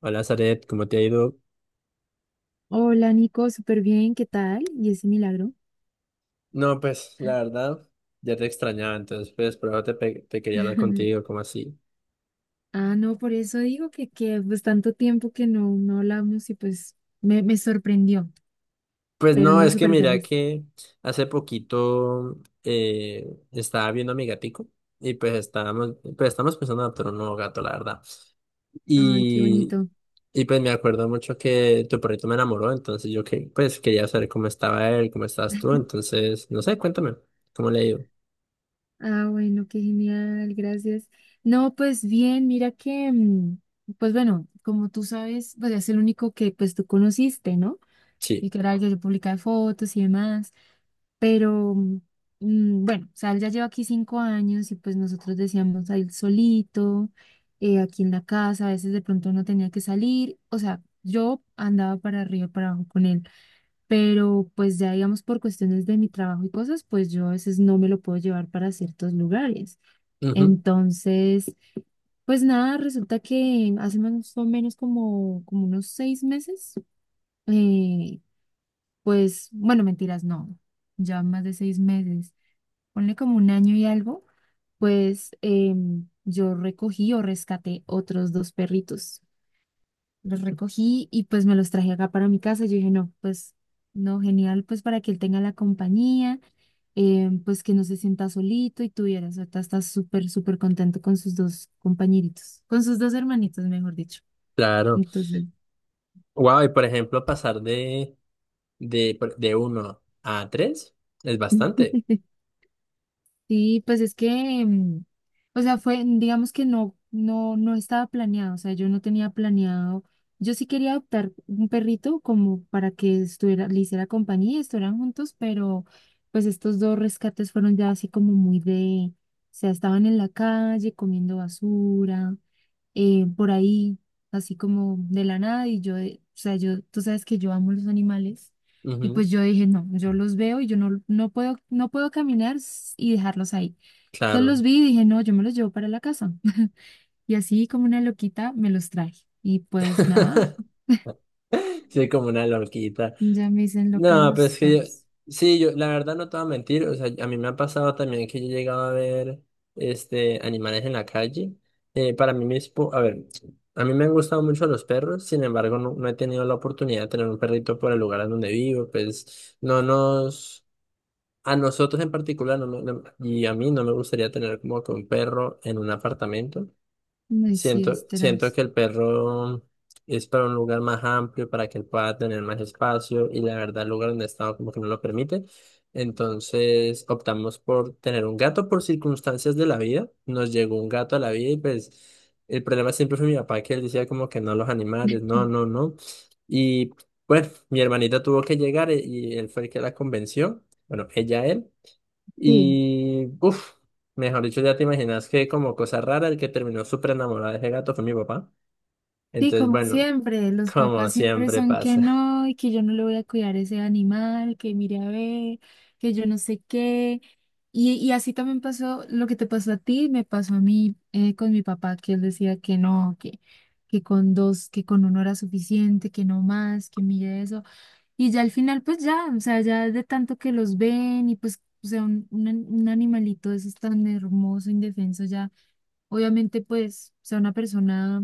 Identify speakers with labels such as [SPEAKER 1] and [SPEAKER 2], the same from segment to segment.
[SPEAKER 1] Hola, Zaret, ¿cómo te ha ido?
[SPEAKER 2] Hola Nico, súper bien, ¿qué tal? ¿Y ese milagro?
[SPEAKER 1] No, pues la verdad, ya te extrañaba, entonces pues por eso te quería hablar contigo. ¿Cómo así?
[SPEAKER 2] Ah, no, por eso digo que pues tanto tiempo que no, no hablamos y pues me sorprendió,
[SPEAKER 1] Pues
[SPEAKER 2] pero
[SPEAKER 1] no,
[SPEAKER 2] no
[SPEAKER 1] es que
[SPEAKER 2] súper
[SPEAKER 1] mira
[SPEAKER 2] feliz.
[SPEAKER 1] que hace poquito estaba viendo a mi gatico y pues estamos pensando en adoptar un nuevo gato, la verdad.
[SPEAKER 2] Ay, qué
[SPEAKER 1] Y,
[SPEAKER 2] bonito.
[SPEAKER 1] y pues me acuerdo mucho que tu perrito me enamoró, entonces pues quería saber cómo estaba él, cómo estás tú, entonces, no sé, cuéntame, ¿cómo le ha ido?
[SPEAKER 2] Ah, bueno, qué genial, gracias. No, pues bien, mira que, pues bueno, como tú sabes, pues es el único que pues tú conociste, ¿no? Y
[SPEAKER 1] Sí,
[SPEAKER 2] literal, yo publicaba fotos y demás, pero bueno, o sea, él ya lleva aquí 5 años y pues nosotros decíamos a él solito, aquí en la casa, a veces de pronto no tenía que salir, o sea, yo andaba para arriba, para abajo con él, pero pues ya digamos por cuestiones de mi trabajo y cosas, pues yo a veces no me lo puedo llevar para ciertos lugares.
[SPEAKER 1] ujú,
[SPEAKER 2] Entonces, pues nada, resulta que hace más o menos como unos 6 meses, eh, pues, bueno, mentiras, no, ya más de 6 meses, ponle como un año y algo, pues yo recogí o rescaté otros dos perritos. Los recogí y pues me los traje acá para mi casa. Yo dije, no, pues, no, genial, pues para que él tenga la compañía, pues que no se sienta solito y tuviera, o sea, está súper, súper contento con sus dos compañeritos, con sus dos hermanitos, mejor dicho.
[SPEAKER 1] claro.
[SPEAKER 2] Entonces,
[SPEAKER 1] Wow, y por ejemplo, pasar de uno a 3 es bastante.
[SPEAKER 2] sí, pues es que, o sea, fue, digamos que no, no, no estaba planeado, o sea, yo no tenía planeado, yo sí quería adoptar un perrito como para que estuviera, le hiciera compañía, y estuvieran juntos, pero pues estos dos rescates fueron ya así como muy de, o sea, estaban en la calle comiendo basura, por ahí, así como de la nada, y yo, o sea, yo, tú sabes que yo amo los animales, y
[SPEAKER 1] Ujú,
[SPEAKER 2] pues yo dije, no, yo los veo y yo no, no puedo, no puedo caminar y dejarlos ahí. Entonces
[SPEAKER 1] claro.
[SPEAKER 2] los vi y dije, no, yo me los llevo para la casa. Y así como una loquita me los traje. Y pues nada,
[SPEAKER 1] Soy como una loquita.
[SPEAKER 2] ya me dicen loca de
[SPEAKER 1] No, pero
[SPEAKER 2] los
[SPEAKER 1] es que yo,
[SPEAKER 2] perros.
[SPEAKER 1] sí, yo, la verdad no te voy a mentir, o sea, a mí me ha pasado también que yo he llegado a ver, este, animales en la calle. Para mí mismo, a ver, a mí me han gustado mucho los perros, sin embargo, no, no he tenido la oportunidad de tener un perrito por el lugar en donde vivo, pues no nos... A nosotros en particular, y a mí no me gustaría tener como que un perro en un apartamento.
[SPEAKER 2] No, y sí,
[SPEAKER 1] Siento,
[SPEAKER 2] es
[SPEAKER 1] siento
[SPEAKER 2] tenaz.
[SPEAKER 1] que el perro es para un lugar más amplio, para que él pueda tener más espacio y la verdad el lugar donde he como que no lo permite. Entonces optamos por tener un gato por circunstancias de la vida. Nos llegó un gato a la vida y pues el problema siempre fue mi papá, que él decía como que no, los animales, no, no, no. Y bueno, mi hermanita tuvo que llegar y él fue el que la convenció. Bueno, ella, él.
[SPEAKER 2] Sí.
[SPEAKER 1] Y, uff, mejor dicho, ya te imaginas que como cosa rara, el que terminó súper enamorado de ese gato fue mi papá.
[SPEAKER 2] Sí,
[SPEAKER 1] Entonces,
[SPEAKER 2] como
[SPEAKER 1] bueno,
[SPEAKER 2] siempre, los
[SPEAKER 1] como
[SPEAKER 2] papás siempre
[SPEAKER 1] siempre
[SPEAKER 2] son que
[SPEAKER 1] pasa.
[SPEAKER 2] no, y que yo no le voy a cuidar ese animal, que mire a ver, que yo no sé qué. Y así también pasó lo que te pasó a ti, me pasó a mí con mi papá, que él decía que no, que, con dos, que con uno era suficiente, que no más, que mire eso. Y ya al final, pues ya, o sea, ya de tanto que los ven y pues, o sea, un animalito de esos tan hermoso, indefenso, ya, obviamente, pues, o sea, una persona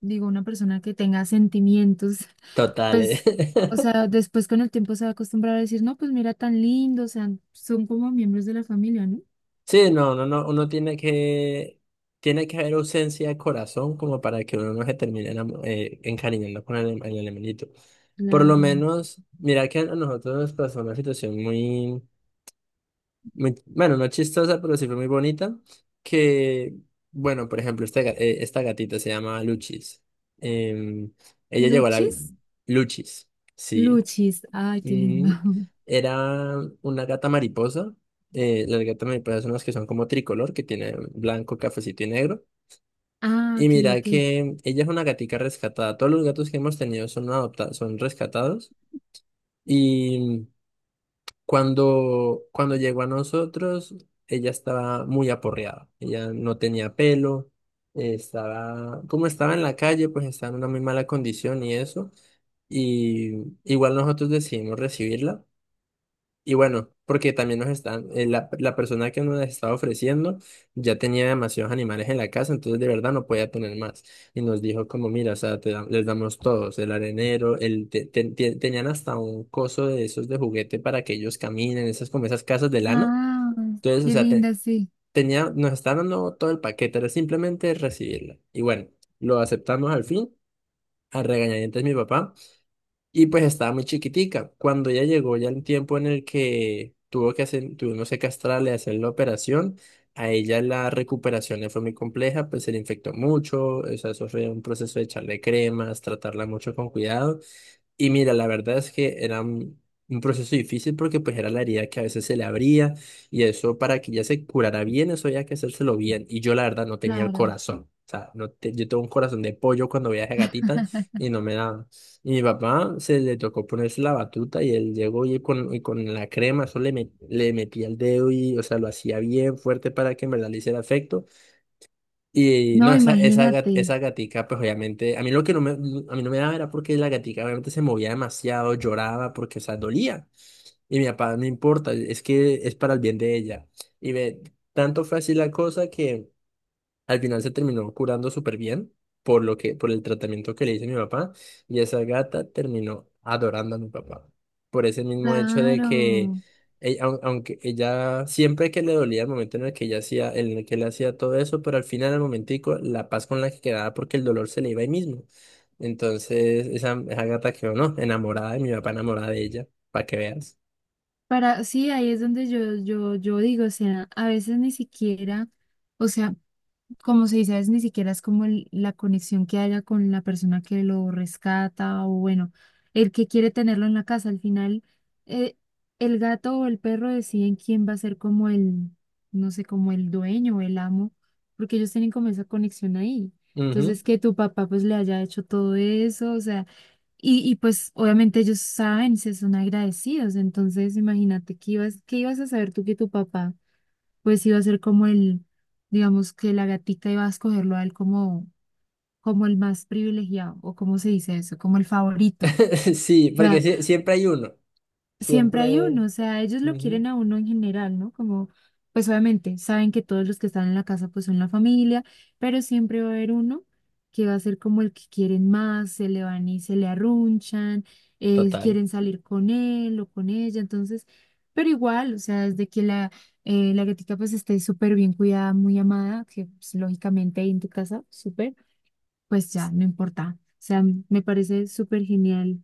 [SPEAKER 2] digo, una persona que tenga sentimientos,
[SPEAKER 1] Total.
[SPEAKER 2] pues,
[SPEAKER 1] Eh.
[SPEAKER 2] o sea, después con el tiempo se va a acostumbrar a decir, no, pues mira, tan lindo, o sea, son como miembros de la familia, ¿no?
[SPEAKER 1] Sí, no, no, no, uno tiene que haber ausencia de corazón como para que uno no se termine encariñando con el animalito. Por lo
[SPEAKER 2] Claro.
[SPEAKER 1] menos, mira que a nosotros nos pasó una situación muy... muy- bueno, no chistosa, pero sí fue muy bonita, que, bueno, por ejemplo, esta gatita se llama Luchis. Em, ella llegó a
[SPEAKER 2] ¿Luchis?
[SPEAKER 1] Luchis, sí.
[SPEAKER 2] Luchis, ay, qué lindo.
[SPEAKER 1] Mm, era una gata mariposa. Eh, las gatas mariposas son las que son como tricolor, que tiene blanco, cafecito y negro.
[SPEAKER 2] Ah,
[SPEAKER 1] Y
[SPEAKER 2] ok,
[SPEAKER 1] mira
[SPEAKER 2] ok.
[SPEAKER 1] que ella es una gatica rescatada. Todos los gatos que hemos tenido son adoptados, son rescatados. Y cuando llegó a nosotros, ella estaba muy aporreada. Ella no tenía pelo, estaba, como estaba en la calle, pues estaba en una muy mala condición y eso. Y igual nosotros decidimos recibirla. Y bueno, porque también nos están, la persona que nos las estaba ofreciendo ya tenía demasiados animales en la casa, entonces de verdad no podía tener más. Y nos dijo como, mira, o sea, les damos todos, el arenero, el te- te- te- tenían hasta un coso de esos de juguete para que ellos caminen, esas como esas casas de lana.
[SPEAKER 2] Ah,
[SPEAKER 1] Entonces, o
[SPEAKER 2] qué
[SPEAKER 1] sea,
[SPEAKER 2] linda, sí,
[SPEAKER 1] tenía, nos estaban dando todo el paquete, era simplemente recibirla. Y bueno, lo aceptamos al fin, a regañadientes mi papá. Y pues estaba muy chiquitica. Cuando ya llegó ya el tiempo en el que tuvo que hacer, tuvimos que castrarle, hacer la operación, a ella la recuperación le fue muy compleja, pues se le infectó mucho, o sea, eso fue un proceso de echarle cremas, tratarla mucho con cuidado. Y mira, la verdad es que era un proceso difícil porque pues era la herida que a veces se le abría y eso para que ya se curara bien, eso había que hacérselo bien. Y yo la verdad no tenía el
[SPEAKER 2] claro.
[SPEAKER 1] corazón. O sea, no te- yo tengo un corazón de pollo cuando viaje a gatita y no me daba. Y mi papá se le tocó ponerse la batuta y él llegó y con la crema, le metía el dedo y, o sea, lo hacía bien fuerte para que en verdad le hiciera efecto. Y no,
[SPEAKER 2] No, imagínate.
[SPEAKER 1] esa gatica, pues obviamente, a mí no me daba era porque la gatica obviamente se movía demasiado, lloraba, porque, o sea, dolía. Y mi papá, no importa, es que es para el bien de ella. Y ve, tanto fue así la cosa que... al final se terminó curando súper bien por lo que, por el tratamiento que le hice a mi papá, y esa gata terminó adorando a mi papá. Por ese mismo hecho de que,
[SPEAKER 2] Claro.
[SPEAKER 1] aunque ella, siempre que le dolía el momento en el que ella hacía, en el que le hacía todo eso, pero al final, al momentico, la paz con la que quedaba porque el dolor se le iba ahí mismo. Entonces, esa gata quedó, ¿no? Enamorada de mi papá, enamorada de ella, para que veas.
[SPEAKER 2] Para, sí, ahí es donde yo, yo digo, o sea, a veces ni siquiera, o sea, como se dice, a veces ni siquiera es como la conexión que haya con la persona que lo rescata o bueno, el que quiere tenerlo en la casa. Al final, eh, el gato o el perro deciden quién va a ser como el, no sé, como el dueño o el amo, porque ellos tienen como esa conexión ahí.
[SPEAKER 1] Ujú.
[SPEAKER 2] Entonces, que tu papá pues le haya hecho todo eso, o sea, y pues obviamente ellos saben, se son agradecidos. Entonces, imagínate, ¿qué ibas a saber tú que tu papá? Pues iba a ser como el, digamos que la gatica iba a escogerlo a él como, el más privilegiado, o como se dice eso, como el favorito.
[SPEAKER 1] Sí, porque siempre hay uno,
[SPEAKER 2] Siempre hay
[SPEAKER 1] siempre...
[SPEAKER 2] uno, o sea, ellos lo
[SPEAKER 1] ujú,
[SPEAKER 2] quieren a uno en general, ¿no? Como, pues obviamente, saben que todos los que están en la casa pues son la familia, pero siempre va a haber uno que va a ser como el que quieren más, se le van y se le arrunchan,
[SPEAKER 1] total.
[SPEAKER 2] quieren salir con él o con ella, entonces, pero igual, o sea, desde que la gatica pues esté súper bien cuidada, muy amada, que pues, lógicamente ahí en tu casa, súper, pues ya, no importa. O sea, me parece súper genial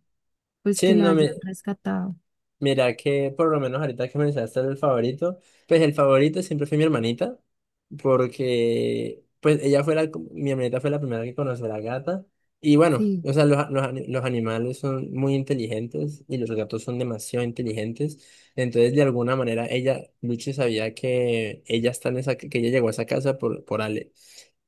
[SPEAKER 2] pues
[SPEAKER 1] Sí,
[SPEAKER 2] que la
[SPEAKER 1] no,
[SPEAKER 2] hayan
[SPEAKER 1] me,
[SPEAKER 2] rescatado.
[SPEAKER 1] mira que por lo menos ahorita que mencionaste el favorito, pues el favorito siempre fue mi hermanita, porque pues mi hermanita fue la primera que conoció a la gata. Y bueno,
[SPEAKER 2] Sí.
[SPEAKER 1] o sea, los animales son muy inteligentes y los gatos son demasiado inteligentes. Entonces, de alguna manera, ella, Luchi sabía que ella está en esa, que ella llegó a esa casa por Ale,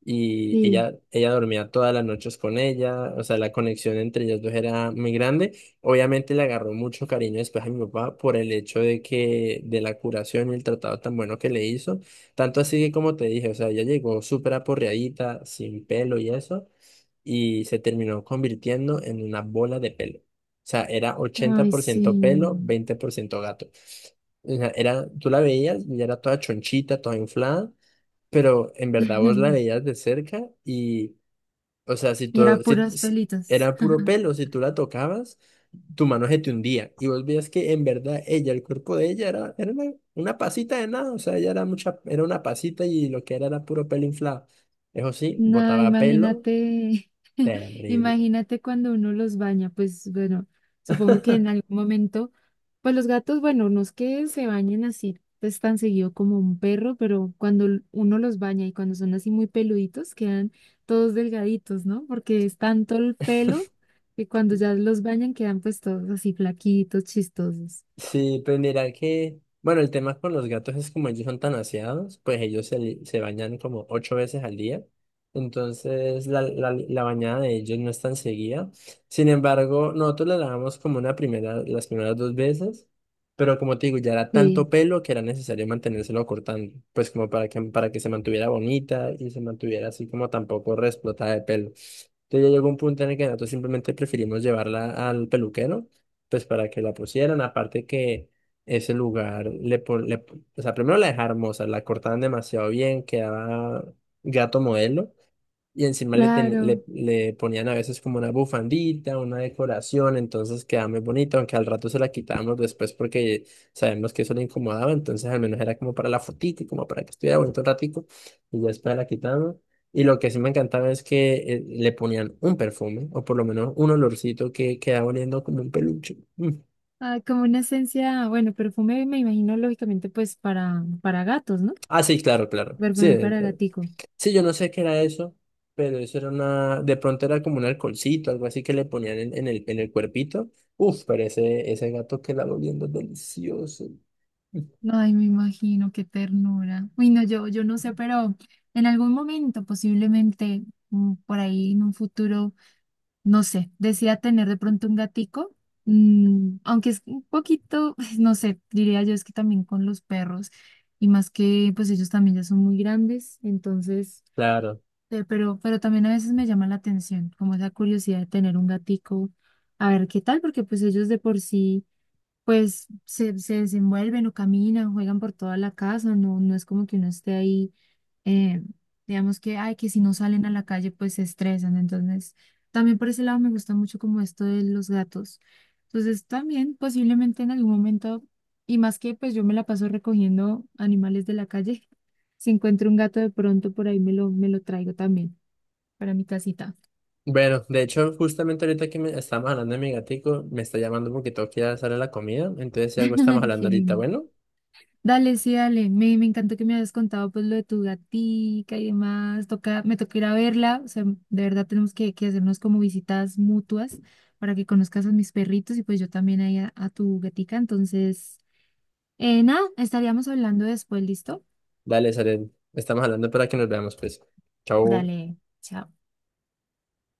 [SPEAKER 1] y
[SPEAKER 2] Sí,
[SPEAKER 1] ella dormía todas las noches con ella, o sea, la conexión entre ellas dos era muy grande. Obviamente le agarró mucho cariño después a mi papá por el hecho de que, de la curación y el tratado tan bueno que le hizo, tanto así que como te dije, o sea, ella llegó súper aporreadita, sin pelo y eso, y se terminó convirtiendo en una bola de pelo. O sea, era ochenta
[SPEAKER 2] ay,
[SPEAKER 1] por
[SPEAKER 2] sí.
[SPEAKER 1] ciento pelo, 20% gato. O sea, era, tú la veías y era toda chonchita, toda inflada. Pero en verdad vos la veías de cerca y, o sea, si
[SPEAKER 2] Y era
[SPEAKER 1] tú, si,
[SPEAKER 2] puros
[SPEAKER 1] si-
[SPEAKER 2] pelitos.
[SPEAKER 1] era puro pelo, si tú la tocabas, tu mano se te hundía. Y vos veías que en verdad ella, el cuerpo de ella era una pasita de nada, o sea, era una pasita y lo que era era puro pelo inflado. Eso sí,
[SPEAKER 2] No,
[SPEAKER 1] botaba pelo
[SPEAKER 2] imagínate,
[SPEAKER 1] terrible.
[SPEAKER 2] imagínate cuando uno los baña, pues bueno, supongo que en algún momento, pues los gatos, bueno, no es que se bañen así, pues tan seguido como un perro, pero cuando uno los baña y cuando son así muy peluditos, quedan todos delgaditos, ¿no? Porque es tanto el pelo que cuando ya los bañan quedan pues todos así flaquitos, chistosos.
[SPEAKER 1] Sí, pues mira que, bueno, el tema con los gatos es como ellos son tan aseados, pues se bañan como 8 veces al día, entonces la bañada de ellos no es tan seguida. Sin embargo, nosotros la lavamos como una primera, las primeras 2 veces, pero como te digo, ya era
[SPEAKER 2] Sí,
[SPEAKER 1] tanto pelo que era necesario mantenérselo cortando, pues como para que se mantuviera bonita y se mantuviera así como tampoco reexplotada de pelo. Entonces ya llegó un punto en el que nosotros simplemente preferimos llevarla al peluquero pues para que la pusieran, aparte que ese lugar, o sea, primero la dejaron hermosa, la cortaban demasiado bien, quedaba gato modelo, y encima
[SPEAKER 2] claro.
[SPEAKER 1] le ponían a veces como una bufandita, una decoración, entonces quedaba muy bonito, aunque al rato se la quitábamos después porque sabemos que eso le incomodaba, entonces al menos era como para la fotito, como para que estuviera bonito un ratico, y ya después la quitábamos. Y lo que sí me encantaba es que le ponían un perfume, o por lo menos un olorcito que quedaba oliendo como un peluche. Mm.
[SPEAKER 2] Ah, como una esencia, bueno, perfume me imagino lógicamente pues para gatos, ¿no?
[SPEAKER 1] Ah, sí, claro, claro. Sí,
[SPEAKER 2] Perfume para gatico.
[SPEAKER 1] sí, yo no sé qué era eso, pero eso era una, de pronto era como un alcoholcito, algo así que le ponían en el cuerpito. Uf, pero ese gato que la oliendo delicioso.
[SPEAKER 2] Ay, me imagino, qué ternura. Uy, no, yo no sé, pero en algún momento, posiblemente por ahí en un futuro, no sé, decida tener de pronto un gatico, aunque es un poquito, no sé, diría yo, es que también con los perros, y más que pues ellos también ya son muy grandes, entonces.
[SPEAKER 1] Claro.
[SPEAKER 2] Pero también a veces me llama la atención, como esa curiosidad de tener un gatico, a ver qué tal, porque pues ellos de por sí pues se desenvuelven o caminan, juegan por toda la casa, no, no es como que uno esté ahí, eh, digamos que, ay, que si no salen a la calle, pues se estresan. Entonces, también por ese lado me gusta mucho como esto de los gatos. Entonces, también posiblemente en algún momento, y más que pues yo me la paso recogiendo animales de la calle, si encuentro un gato de pronto por ahí me lo traigo también para mi casita.
[SPEAKER 1] Bueno, de hecho, justamente ahorita que me estamos hablando de mi gatico, me está llamando porque tengo que ir a hacerle la comida. Entonces, si algo estamos
[SPEAKER 2] Ay, qué
[SPEAKER 1] hablando ahorita,
[SPEAKER 2] lindo.
[SPEAKER 1] bueno,
[SPEAKER 2] Dale, sí, dale. Me encantó que me hayas contado pues lo de tu gatica y demás. Toca, me toca ir a verla. O sea, de verdad tenemos que hacernos como visitas mutuas para que conozcas a mis perritos y pues yo también ahí a tu gatica. Entonces, nada, estaríamos hablando después, ¿listo?
[SPEAKER 1] dale, Saren, estamos hablando para que nos veamos, pues. Chao.
[SPEAKER 2] Dale, chao.